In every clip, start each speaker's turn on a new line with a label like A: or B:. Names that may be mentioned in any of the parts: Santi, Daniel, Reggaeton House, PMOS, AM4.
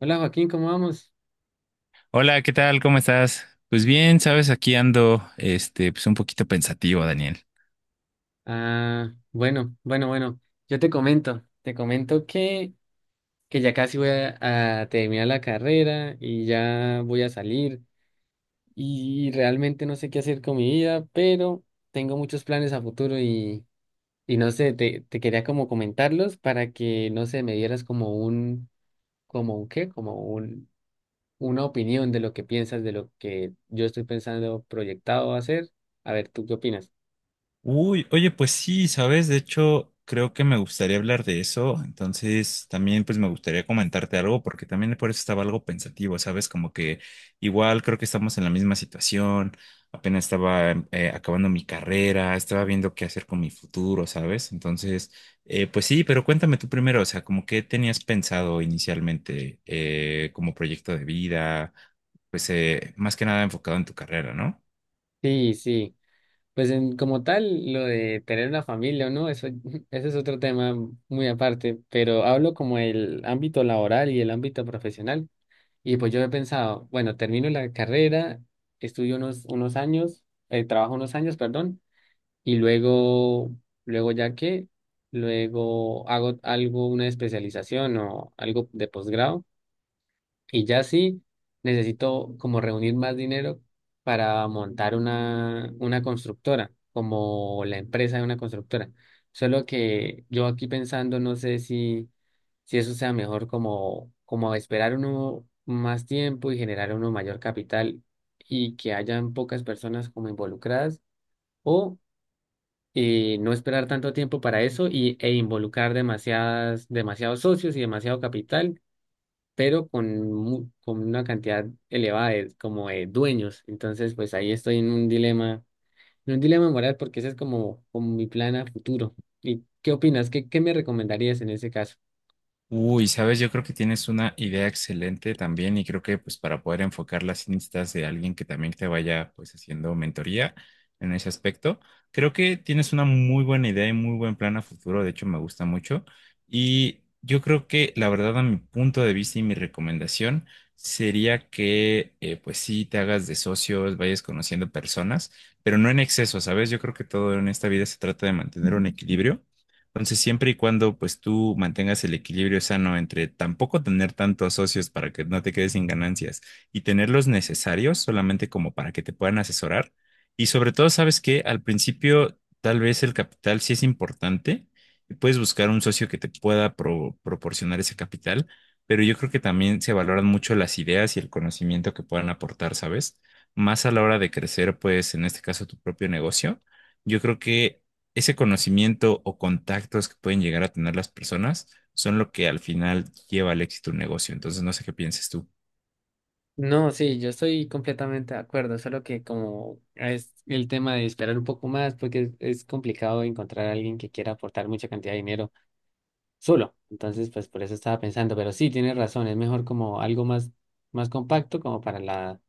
A: Hola Joaquín, ¿cómo vamos?
B: Hola, ¿qué tal? ¿Cómo estás? Pues bien, sabes, aquí ando, este, pues un poquito pensativo, Daniel.
A: Ah, bueno, bueno, bueno. Yo te comento que ya casi voy a terminar la carrera y ya voy a salir y realmente no sé qué hacer con mi vida, pero tengo muchos planes a futuro y no sé, te quería como comentarlos para que, no sé, me dieras como un qué, como un, una opinión de lo que piensas, de lo que yo estoy pensando proyectado hacer. A ver, ¿tú qué opinas?
B: Uy, oye, pues sí, sabes, de hecho, creo que me gustaría hablar de eso, entonces también pues me gustaría comentarte algo, porque también por eso estaba algo pensativo, sabes, como que igual creo que estamos en la misma situación. Apenas estaba acabando mi carrera, estaba viendo qué hacer con mi futuro, sabes, entonces, pues sí, pero cuéntame tú primero, o sea, como qué tenías pensado inicialmente, como proyecto de vida, pues más que nada enfocado en tu carrera, ¿no?
A: Sí, sí. Pues en, como tal, lo de tener una familia o no, eso, ese es otro tema muy aparte, pero hablo como el ámbito laboral y el ámbito profesional. Y pues yo he pensado, bueno, termino la carrera, estudio unos años, trabajo unos años, perdón, y luego, luego ya que, luego hago algo, una especialización o algo de posgrado y ya sí, necesito como reunir más dinero para montar una constructora, como la empresa de una constructora. Solo que yo aquí pensando, no sé si eso sea mejor como, como esperar uno más tiempo y generar uno mayor capital y que hayan pocas personas como involucradas o no esperar tanto tiempo para eso y, e involucrar demasiadas, demasiados socios y demasiado capital pero con, con una cantidad elevada de, como de dueños. Entonces, pues ahí estoy en un dilema moral porque ese es como, como mi plan a futuro. ¿Y qué opinas? ¿Qué me recomendarías en ese caso?
B: Uy, sabes, yo creo que tienes una idea excelente también y creo que pues para poder enfocarla sí necesitas de alguien que también te vaya pues haciendo mentoría en ese aspecto. Creo que tienes una muy buena idea y muy buen plan a futuro, de hecho me gusta mucho y yo creo que la verdad, a mi punto de vista, y mi recomendación sería que pues sí te hagas de socios, vayas conociendo personas, pero no en exceso, ¿sabes? Yo creo que todo en esta vida se trata de mantener un equilibrio. Entonces, siempre y cuando pues tú mantengas el equilibrio sano entre tampoco tener tantos socios para que no te quedes sin ganancias y tener los necesarios solamente como para que te puedan asesorar. Y sobre todo, sabes que al principio tal vez el capital sí es importante y puedes buscar un socio que te pueda proporcionar ese capital, pero yo creo que también se valoran mucho las ideas y el conocimiento que puedan aportar, ¿sabes? Más a la hora de crecer, pues en este caso tu propio negocio. Yo creo que ese conocimiento o contactos que pueden llegar a tener las personas son lo que al final lleva al éxito un negocio. Entonces, no sé qué pienses tú.
A: No, sí, yo estoy completamente de acuerdo, solo que como es el tema de esperar un poco más, porque es complicado encontrar a alguien que quiera aportar mucha cantidad de dinero solo. Entonces, pues por eso estaba pensando, pero sí, tienes razón, es mejor como algo más, más compacto, como para la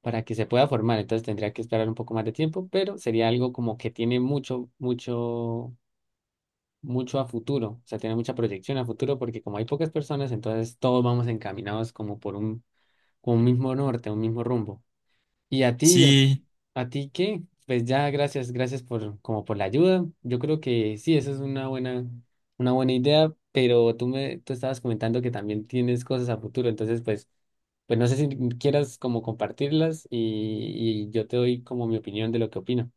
A: para que se pueda formar. Entonces tendría que esperar un poco más de tiempo, pero sería algo como que tiene mucho, mucho, mucho a futuro. O sea, tiene mucha proyección a futuro porque como hay pocas personas, entonces todos vamos encaminados como por un, con un mismo norte, un mismo rumbo. ¿Y a ti?
B: Sí,
A: ¿A ti qué? Pues ya, gracias, gracias por como por la ayuda. Yo creo que sí, eso es una buena idea, pero tú me, tú estabas comentando que también tienes cosas a futuro, entonces pues, pues no sé si quieras como compartirlas y yo te doy como mi opinión de lo que opino.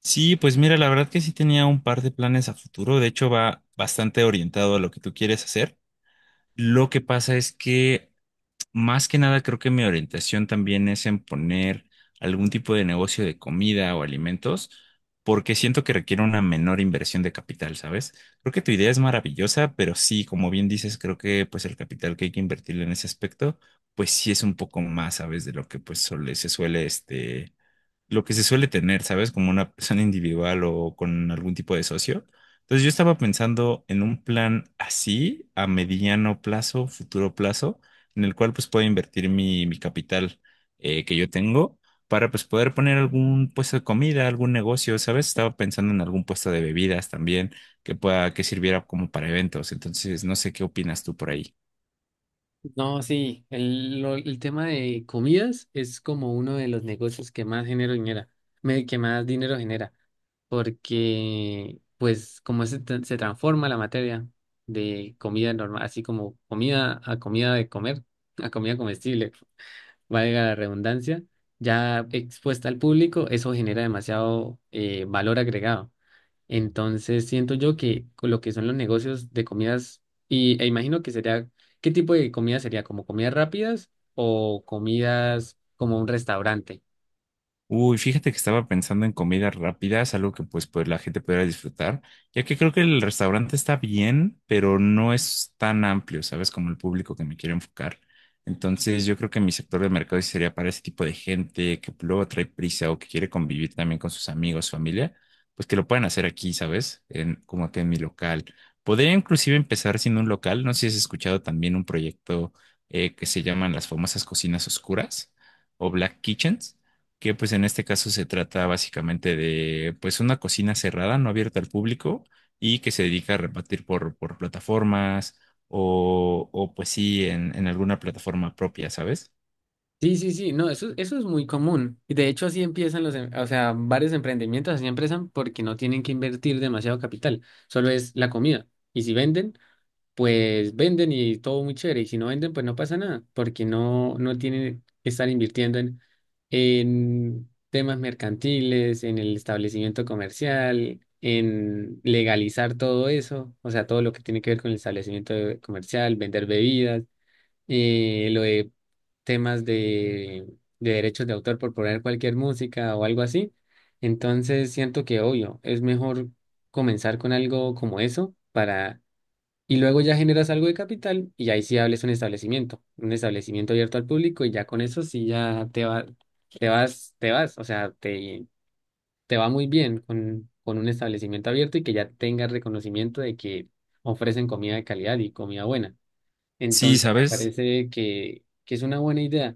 B: sí, pues mira, la verdad que sí tenía un par de planes a futuro. De hecho, va bastante orientado a lo que tú quieres hacer. Lo que pasa es que, más que nada, creo que mi orientación también es en poner algún tipo de negocio de comida o alimentos, porque siento que requiere una menor inversión de capital, ¿sabes? Creo que tu idea es maravillosa, pero sí, como bien dices, creo que pues el capital que hay que invertirle en ese aspecto, pues sí es un poco más, ¿sabes? De lo que se suele lo que se suele tener, ¿sabes? Como una persona individual o con algún tipo de socio. Entonces yo estaba pensando en un plan así, a mediano plazo, futuro plazo, en el cual pues pueda invertir mi capital que yo tengo, para pues poder poner algún puesto de comida, algún negocio, ¿sabes? Estaba pensando en algún puesto de bebidas también que pueda, que sirviera como para eventos. Entonces no sé qué opinas tú por ahí.
A: No, sí, el, el tema de comidas es como uno de los negocios que más dinero genera, que más dinero genera. Porque pues como se, se transforma la materia de comida normal, así como comida a comida de comer, a comida comestible, valga la redundancia, ya expuesta al público, eso genera demasiado valor agregado. Entonces siento yo que con lo que son los negocios de comidas, y, e imagino que sería, ¿qué tipo de comida sería? ¿Como comidas rápidas o comidas como un restaurante?
B: Uy, fíjate que estaba pensando en comidas rápidas, algo que pues la gente pudiera disfrutar, ya que creo que el restaurante está bien, pero no es tan amplio, ¿sabes? Como el público que me quiero enfocar. Entonces, yo creo que mi sector de mercado sí sería para ese tipo de gente que luego trae prisa o que quiere convivir también con sus amigos, familia, pues que lo puedan hacer aquí, ¿sabes? En, como que en mi local. Podría inclusive empezar siendo un local, no sé si has escuchado también un proyecto que se llaman las famosas cocinas oscuras o Black Kitchens, que pues en este caso se trata básicamente de pues una cocina cerrada, no abierta al público y que se dedica a repartir por plataformas o pues sí, en alguna plataforma propia, ¿sabes?
A: Sí, sí, sí, no, eso es muy común. Y de hecho así empiezan los, o sea, varios emprendimientos así empiezan porque no tienen que invertir demasiado capital, solo es la comida. Y si venden, pues venden y todo muy chévere. Y si no venden, pues no pasa nada, porque no, no tienen que estar invirtiendo en temas mercantiles, en el establecimiento comercial, en legalizar todo eso, o sea, todo lo que tiene que ver con el establecimiento comercial, vender bebidas. Y lo de temas de derechos de autor por poner cualquier música o algo así. Entonces siento que, obvio, es mejor comenzar con algo como eso para... Y luego ya generas algo de capital y ahí sí hables un establecimiento abierto al público y ya con eso sí ya te va, te vas, o sea, te va muy bien con un establecimiento abierto y que ya tengas reconocimiento de que ofrecen comida de calidad y comida buena.
B: Sí,
A: Entonces me
B: ¿sabes?
A: parece que es una buena idea.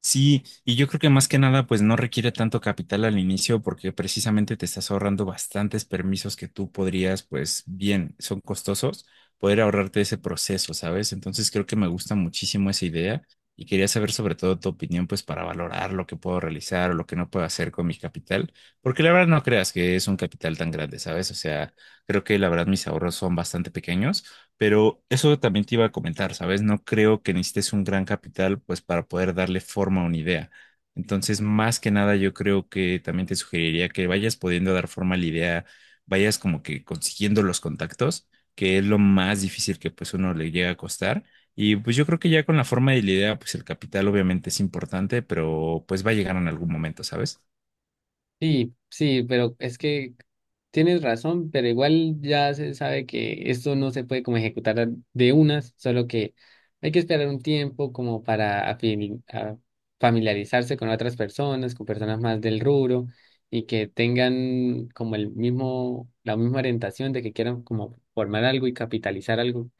B: Sí, y yo creo que más que nada, pues no requiere tanto capital al inicio porque precisamente te estás ahorrando bastantes permisos que tú podrías, pues bien, son costosos, poder ahorrarte ese proceso, ¿sabes? Entonces creo que me gusta muchísimo esa idea y quería saber sobre todo tu opinión, pues para valorar lo que puedo realizar o lo que no puedo hacer con mi capital, porque la verdad no creas que es un capital tan grande, ¿sabes? O sea, creo que la verdad mis ahorros son bastante pequeños. Pero eso también te iba a comentar, ¿sabes? No creo que necesites un gran capital pues para poder darle forma a una idea. Entonces, más que nada, yo creo que también te sugeriría que vayas pudiendo dar forma a la idea, vayas como que consiguiendo los contactos, que es lo más difícil que pues uno le llega a costar. Y pues yo creo que ya con la forma de la idea, pues el capital obviamente es importante, pero pues va a llegar en algún momento, ¿sabes?
A: Sí, sí, pero es que tienes razón, pero igual ya se sabe que esto no se puede como ejecutar de unas, solo que hay que esperar un tiempo como para familiarizarse con otras personas, con personas más del rubro y que tengan como el mismo, la misma orientación de que quieran como formar algo y capitalizar algo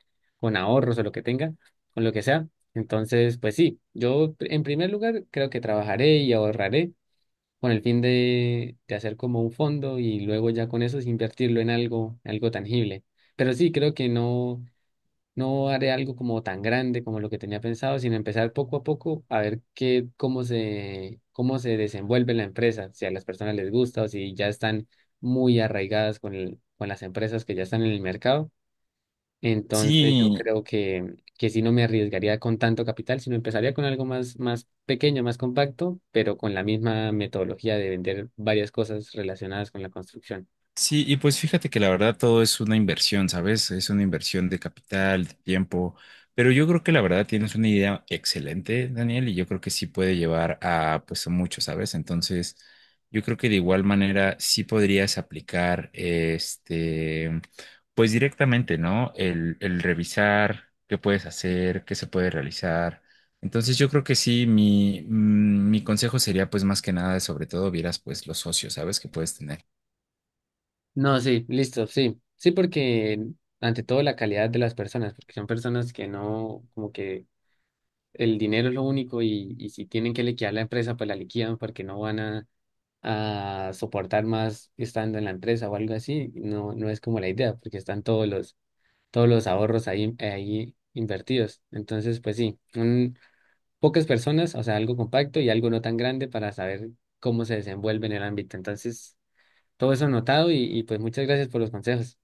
A: con ahorros o lo que tengan, con lo que sea. Entonces, pues sí, yo en primer lugar creo que trabajaré y ahorraré con el fin de hacer como un fondo y luego ya con eso es invertirlo en algo, algo tangible. Pero sí, creo que no, no haré algo como tan grande como lo que tenía pensado, sino empezar poco a poco a ver qué, cómo se desenvuelve la empresa, si a las personas les gusta o si ya están muy arraigadas con con las empresas que ya están en el mercado. Entonces yo
B: Sí,
A: creo que sí no me arriesgaría con tanto capital, sino empezaría con algo más, más pequeño, más compacto, pero con la misma metodología de vender varias cosas relacionadas con la construcción.
B: sí, y pues fíjate que la verdad todo es una inversión, ¿sabes? Es una inversión de capital, de tiempo, pero yo creo que la verdad tienes una idea excelente, Daniel, y yo creo que sí puede llevar a pues a mucho, ¿sabes? Entonces, yo creo que de igual manera sí podrías aplicar este, pues directamente, ¿no? El revisar qué puedes hacer, qué se puede realizar. Entonces yo creo que sí, mi consejo sería pues más que nada, sobre todo vieras pues los socios, ¿sabes? Que puedes tener.
A: No, sí, listo, sí. Sí, porque ante todo la calidad de las personas, porque son personas que no, como que el dinero es lo único y si tienen que liquidar la empresa, pues la liquidan porque no van a soportar más estando en la empresa o algo así. No, no es como la idea, porque están todos los ahorros ahí, ahí invertidos. Entonces, pues sí, pocas personas, o sea, algo compacto y algo no tan grande para saber cómo se desenvuelve en el ámbito. Entonces, todo eso anotado y pues muchas gracias por los consejos.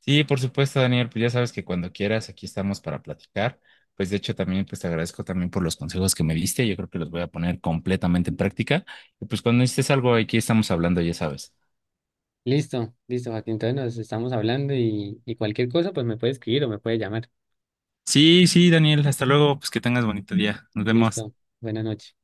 B: Sí, por supuesto, Daniel, pues ya sabes que cuando quieras, aquí estamos para platicar. Pues de hecho también pues te agradezco también por los consejos que me diste, yo creo que los voy a poner completamente en práctica. Y pues cuando necesites algo, aquí estamos hablando, ya sabes.
A: Listo, listo, Joaquín. Entonces nos estamos hablando y cualquier cosa, pues me puede escribir o me puede llamar.
B: Sí, sí, Daniel, hasta luego, pues que tengas bonito día. Nos vemos.
A: Listo, buenas noches.